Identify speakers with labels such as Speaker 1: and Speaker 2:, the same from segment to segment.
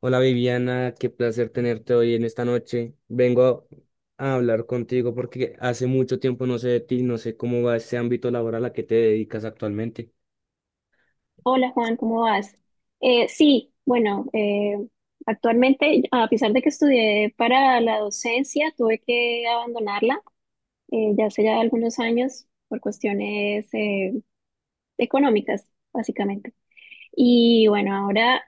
Speaker 1: Hola Viviana, qué placer tenerte hoy en esta noche. Vengo a hablar contigo porque hace mucho tiempo no sé de ti, no sé cómo va ese ámbito laboral a que te dedicas actualmente.
Speaker 2: Hola Juan, ¿cómo vas? Sí, bueno, actualmente, a pesar de que estudié para la docencia, tuve que abandonarla ya hace ya algunos años por cuestiones económicas, básicamente. Y bueno, ahora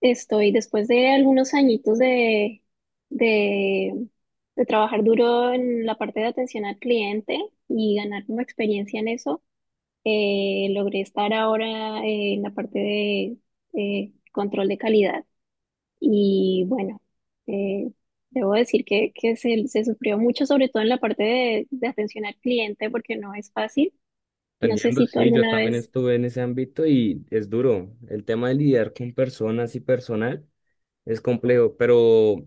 Speaker 2: estoy, después de algunos añitos de, de trabajar duro en la parte de atención al cliente y ganar como experiencia en eso, logré estar ahora en la parte de control de calidad y bueno, eh, debo decir que, se sufrió mucho, sobre todo en la parte de atención al cliente, porque no es fácil.
Speaker 1: Te
Speaker 2: No sé
Speaker 1: entiendo,
Speaker 2: si tú
Speaker 1: sí, yo
Speaker 2: alguna
Speaker 1: también
Speaker 2: vez,
Speaker 1: estuve en ese ámbito y es duro. El tema de lidiar con personas y personal es complejo, pero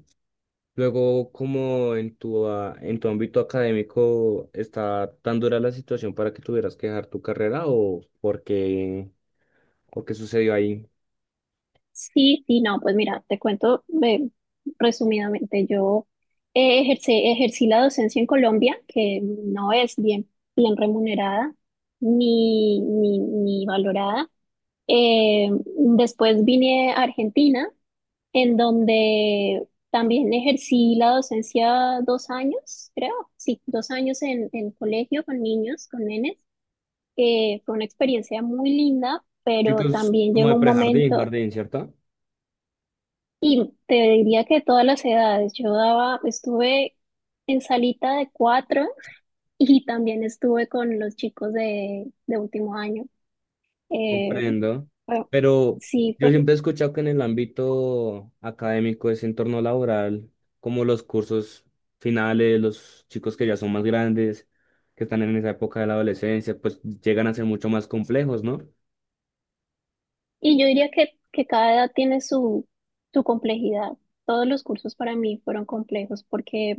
Speaker 1: luego como en tu, en tu ámbito académico está tan dura la situación para que tuvieras que dejar tu carrera o por qué, o qué sucedió ahí.
Speaker 2: sí, sí, no, pues mira, te cuento resumidamente, yo ejercí la docencia en Colombia, que no es bien remunerada ni valorada. Eh, Después vine a Argentina, en donde también ejercí la docencia dos años, creo, sí, dos años en colegio con niños, con nenes. Fue una experiencia muy linda, pero
Speaker 1: Chicos
Speaker 2: también
Speaker 1: como de
Speaker 2: llegó un
Speaker 1: prejardín,
Speaker 2: momento,
Speaker 1: jardín, ¿cierto?
Speaker 2: y te diría que todas las edades, yo daba, estuve en salita de cuatro y también estuve con los chicos de último año. Eh,
Speaker 1: Comprendo.
Speaker 2: fue-
Speaker 1: Pero
Speaker 2: Sí.
Speaker 1: yo siempre he escuchado que en el ámbito académico, ese entorno laboral, como los cursos finales, los chicos que ya son más grandes, que están en esa época de la adolescencia, pues llegan a ser mucho más complejos, ¿no?
Speaker 2: Y yo diría que cada edad tiene su, su complejidad. Todos los cursos para mí fueron complejos porque,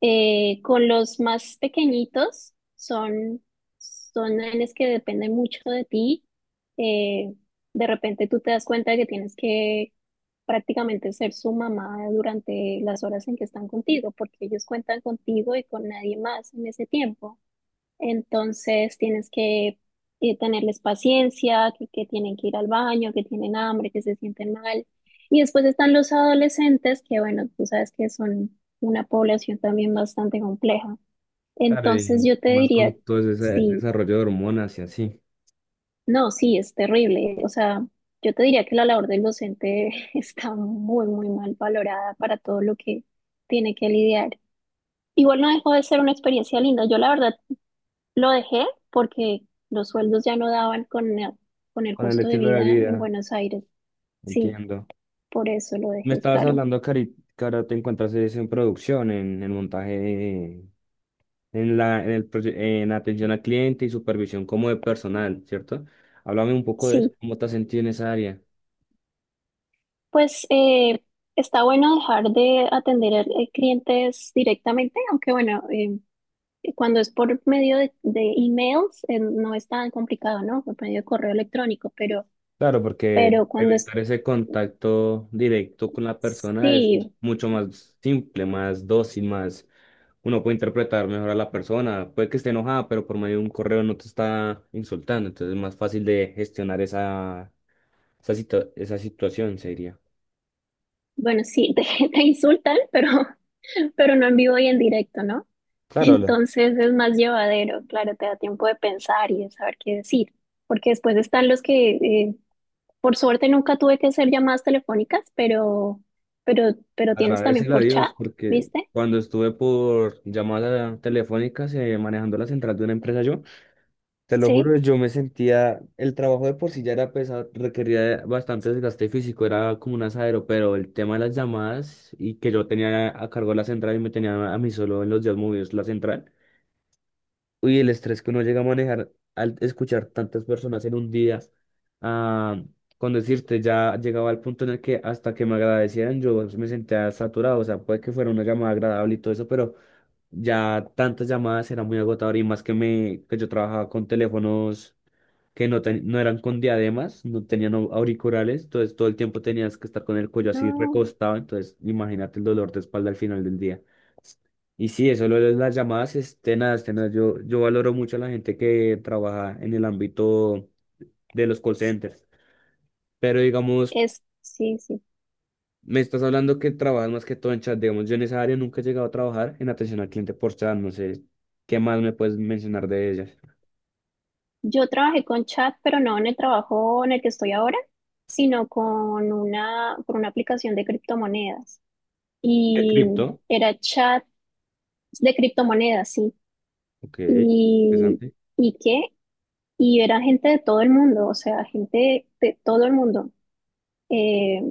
Speaker 2: con los más pequeñitos son, son nenes que dependen mucho de ti. Eh, de repente tú te das cuenta de que tienes que prácticamente ser su mamá durante las horas en que están contigo, porque ellos cuentan contigo y con nadie más en ese tiempo. Entonces tienes que tenerles paciencia, que tienen que ir al baño, que tienen hambre, que se sienten mal. Y después están los adolescentes, que bueno, tú sabes que son una población también bastante compleja.
Speaker 1: Claro,
Speaker 2: Entonces
Speaker 1: y
Speaker 2: yo te
Speaker 1: más
Speaker 2: diría,
Speaker 1: con todo ese
Speaker 2: sí,
Speaker 1: desarrollo de hormonas y así.
Speaker 2: no, sí, es terrible. O sea, yo te diría que la labor del docente está muy, muy mal valorada para todo lo que tiene que lidiar. Igual no dejó de ser una experiencia linda. Yo la verdad lo dejé porque los sueldos ya no daban con el
Speaker 1: Con el
Speaker 2: costo de
Speaker 1: estilo de
Speaker 2: vida en
Speaker 1: vida,
Speaker 2: Buenos Aires. Sí,
Speaker 1: entiendo.
Speaker 2: por eso lo
Speaker 1: Me
Speaker 2: dejé,
Speaker 1: estabas
Speaker 2: claro.
Speaker 1: hablando, Cari, que ahora te encuentras es en producción, en, el montaje en la, en el, en atención al cliente y supervisión como de personal, ¿cierto? Háblame un poco de eso,
Speaker 2: Sí,
Speaker 1: ¿cómo te has sentido en esa área?
Speaker 2: pues está bueno dejar de atender clientes directamente, aunque bueno, cuando es por medio de emails, no es tan complicado, ¿no? Por medio de correo electrónico,
Speaker 1: Claro, porque
Speaker 2: pero cuando es,
Speaker 1: evitar ese contacto directo con la persona es
Speaker 2: sí,
Speaker 1: mucho más simple, más dócil, más... Uno puede interpretar mejor a la persona, puede que esté enojada, pero por medio de un correo no te está insultando, entonces es más fácil de gestionar esa, esa, esa situación, se diría.
Speaker 2: bueno, sí, te insultan, pero no en vivo y en directo, ¿no?
Speaker 1: Claro.
Speaker 2: Entonces es más llevadero, claro, te da tiempo de pensar y de saber qué decir, porque después están los que, por suerte nunca tuve que hacer llamadas telefónicas, pero tienes también
Speaker 1: Agradecerle a
Speaker 2: por chat,
Speaker 1: Dios porque
Speaker 2: ¿viste?
Speaker 1: cuando estuve por llamada telefónicas manejando la central de una empresa yo, te lo
Speaker 2: Sí,
Speaker 1: juro, yo me sentía, el trabajo de por sí ya era pesado, requería de bastante desgaste físico, era como un asadero, pero el tema de las llamadas y que yo tenía a cargo la central y me tenía a mí solo en los días movidos la central. Uy, el estrés que uno llega a manejar al escuchar tantas personas en un día, ah, con decirte, ya llegaba al punto en el que hasta que me agradecieran yo me sentía saturado, o sea, puede que fuera una llamada agradable y todo eso, pero ya tantas llamadas era muy agotador y más que me, que yo trabajaba con teléfonos que no, no eran con diademas, no tenían auriculares, entonces todo el tiempo tenías que estar con el cuello así
Speaker 2: no,
Speaker 1: recostado, entonces imagínate el dolor de espalda al final del día. Y sí, eso lo de las llamadas, este, nada, yo, valoro mucho a la gente que trabaja en el ámbito de los call centers, pero digamos,
Speaker 2: es, sí, sí.
Speaker 1: me estás hablando que trabajas más que todo en chat, digamos, yo en esa área nunca he llegado a trabajar en atención al cliente por chat, no sé, ¿qué más me puedes mencionar de ellas?
Speaker 2: Yo trabajé con chat, pero no en el trabajo en el que estoy ahora, sino con una, por una aplicación de criptomonedas.
Speaker 1: ¿De
Speaker 2: Y
Speaker 1: cripto?
Speaker 2: era chat de criptomonedas, sí.
Speaker 1: Ok,
Speaker 2: Y,
Speaker 1: interesante.
Speaker 2: ¿y qué? Y era gente de todo el mundo, o sea, gente de todo el mundo. Eh,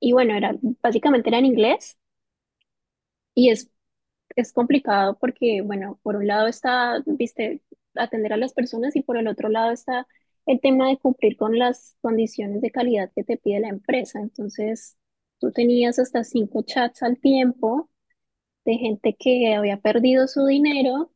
Speaker 2: y bueno, era, básicamente era en inglés y es complicado porque, bueno, por un lado está, viste, atender a las personas, y por el otro lado está el tema de cumplir con las condiciones de calidad que te pide la empresa. Entonces, tú tenías hasta cinco chats al tiempo de gente que había perdido su dinero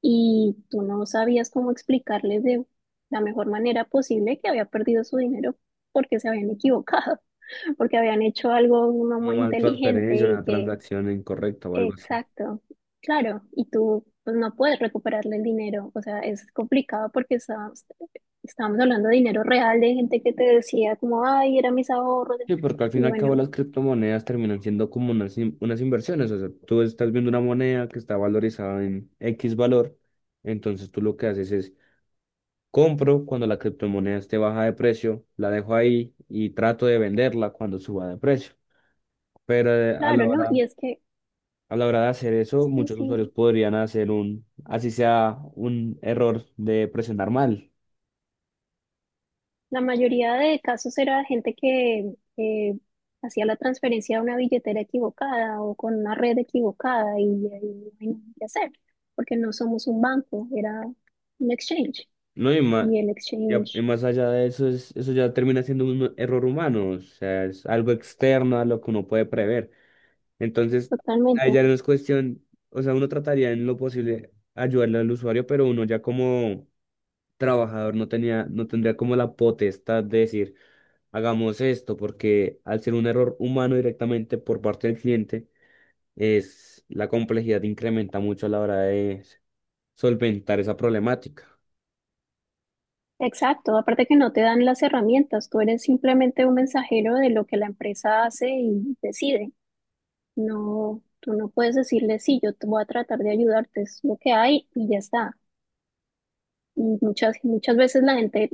Speaker 2: y tú no sabías cómo explicarles de la mejor manera posible que había perdido su dinero porque se habían equivocado, porque habían hecho algo no
Speaker 1: Una
Speaker 2: muy
Speaker 1: mal
Speaker 2: inteligente
Speaker 1: transferencia,
Speaker 2: y
Speaker 1: una
Speaker 2: que,
Speaker 1: transacción incorrecta o algo así.
Speaker 2: exacto, claro, y tú pues no puedes recuperarle el dinero, o sea, es complicado porque estamos, estamos hablando de dinero real, de gente que te decía como, ay, eran mis ahorros,
Speaker 1: Sí, porque al fin
Speaker 2: y
Speaker 1: y al cabo
Speaker 2: bueno,
Speaker 1: las criptomonedas terminan siendo como unas, unas inversiones. O sea, tú estás viendo una moneda que está valorizada en X valor, entonces tú lo que haces es compro cuando la criptomoneda esté baja de precio, la dejo ahí y trato de venderla cuando suba de precio. Pero
Speaker 2: claro, ¿no? Y es que,
Speaker 1: a la hora de hacer eso,
Speaker 2: sí,
Speaker 1: muchos
Speaker 2: sí,
Speaker 1: usuarios podrían hacer un, así sea un error de presionar mal.
Speaker 2: la mayoría de casos era gente que hacía la transferencia a una billetera equivocada o con una red equivocada, y ahí no hay nada que hacer, porque no somos un banco, era un exchange
Speaker 1: No, y más,
Speaker 2: y el
Speaker 1: ya, y
Speaker 2: exchange,
Speaker 1: más allá de eso, eso ya termina siendo un error humano, o sea, es algo externo a lo que uno puede prever. Entonces, ahí ya
Speaker 2: totalmente.
Speaker 1: no es cuestión, o sea, uno trataría en lo posible ayudarle al usuario, pero uno ya como trabajador no tenía, no tendría como la potestad de decir, hagamos esto, porque al ser un error humano directamente por parte del cliente, es la complejidad incrementa mucho a la hora de solventar esa problemática.
Speaker 2: Exacto, aparte que no te dan las herramientas, tú eres simplemente un mensajero de lo que la empresa hace y decide. No, tú no puedes decirle, sí, yo te voy a tratar de ayudarte, es lo que hay y ya está. Y muchas, muchas veces la gente,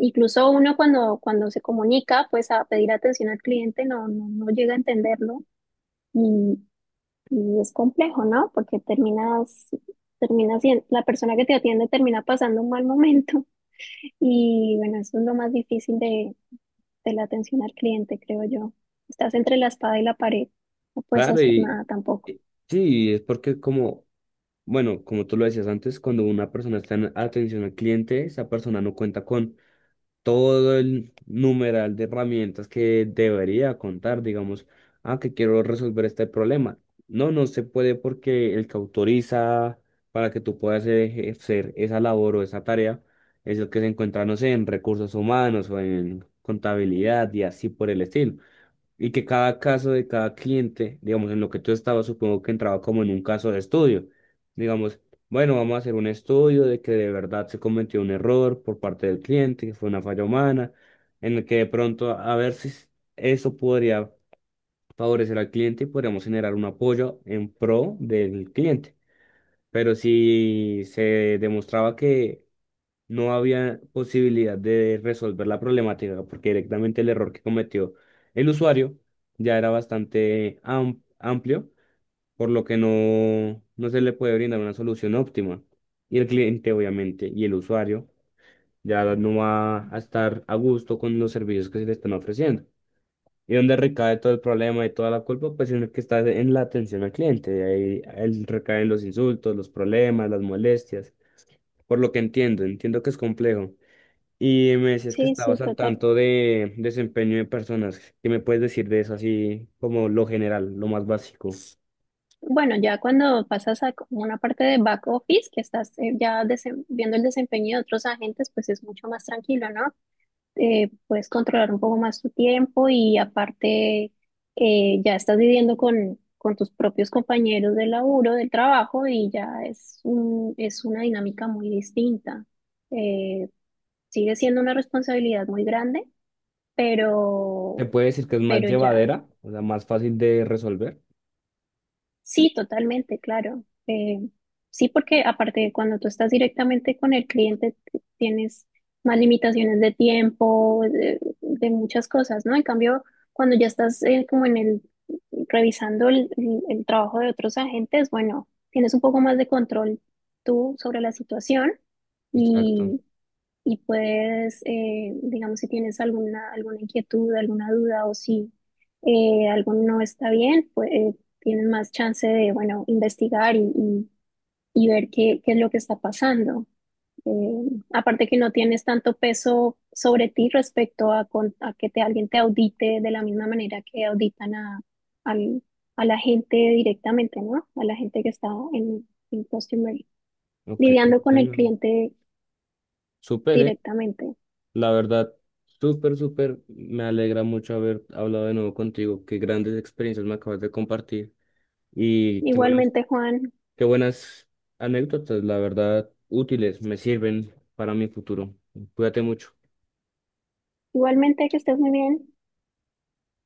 Speaker 2: incluso uno cuando, cuando se comunica, pues a pedir atención al cliente, no llega a entenderlo y, y es complejo, ¿no? Porque terminas, la persona que te atiende termina pasando un mal momento y bueno, eso es lo más difícil de la atención al cliente, creo yo. Estás entre la espada y la pared, no puedes
Speaker 1: Claro,
Speaker 2: hacer nada tampoco.
Speaker 1: y- sí, es porque como, bueno, como tú lo decías antes, cuando una persona está en atención al cliente, esa persona no cuenta con todo el numeral de herramientas que debería contar, digamos, ah, que quiero resolver este problema. No, no se puede porque el que autoriza para que tú puedas ejercer esa labor o esa tarea es el que se encuentra, no sé, en recursos humanos o en contabilidad y así por el estilo y que cada caso de cada cliente, digamos, en lo que tú estabas, supongo que entraba como en un caso de estudio. Digamos, bueno, vamos a hacer un estudio de que de verdad se cometió un error por parte del cliente, que fue una falla humana, en el que de pronto a ver si s- eso podría favorecer al cliente y podríamos generar un apoyo en pro del cliente. Pero si se demostraba que no había posibilidad de resolver la problemática porque directamente el error que cometió el usuario ya era bastante amplio, por lo que no, no se le puede brindar una solución óptima. Y el cliente, obviamente, y el usuario ya no va a estar a gusto con los servicios que se le están ofreciendo. Y donde recae todo el problema y toda la culpa, pues en el que está en la atención al cliente. De ahí él recae en los insultos, los problemas, las molestias. Por lo que entiendo, entiendo que es complejo. Y me decías que
Speaker 2: Sí, sí,
Speaker 1: estabas al
Speaker 2: total.
Speaker 1: tanto de desempeño de personas. ¿Qué me puedes decir de eso así como lo general, lo más básico?
Speaker 2: Bueno, ya cuando pasas a como una parte de back office, que estás ya viendo el desempeño de otros agentes, pues es mucho más tranquilo, ¿no? Puedes controlar un poco más tu tiempo, y aparte ya estás viviendo con tus propios compañeros de laburo, del trabajo, y ya es un, es una dinámica muy distinta. Eh, Sigue siendo una responsabilidad muy grande,
Speaker 1: ¿Te
Speaker 2: pero,
Speaker 1: puede decir que es más
Speaker 2: pero ya.
Speaker 1: llevadera, o sea, más fácil de resolver?
Speaker 2: Sí, totalmente, claro. Sí, porque aparte cuando tú estás directamente con el cliente tienes más limitaciones de tiempo, de muchas cosas, ¿no? En cambio, cuando ya estás como en el revisando el, el trabajo de otros agentes, bueno, tienes un poco más de control tú sobre la situación,
Speaker 1: Exacto.
Speaker 2: y puedes, digamos, si tienes alguna, alguna inquietud, alguna duda, o si algo no está bien, pues tienes más chance de, bueno, investigar y ver qué, qué es lo que está pasando. Eh, Aparte que no tienes tanto peso sobre ti respecto a, a que te, alguien te audite de la misma manera que auditan a, al- a la gente directamente, ¿no? A la gente que está en customer,
Speaker 1: Ok.
Speaker 2: lidiando con el
Speaker 1: Bueno,
Speaker 2: cliente
Speaker 1: súper,
Speaker 2: directamente.
Speaker 1: La verdad, súper, súper. Me alegra mucho haber hablado de nuevo contigo. Qué grandes experiencias me acabas de compartir. Y
Speaker 2: Igualmente, Juan.
Speaker 1: qué buenas anécdotas, la verdad, útiles, me sirven para mi futuro. Cuídate mucho.
Speaker 2: Igualmente, que estés muy bien.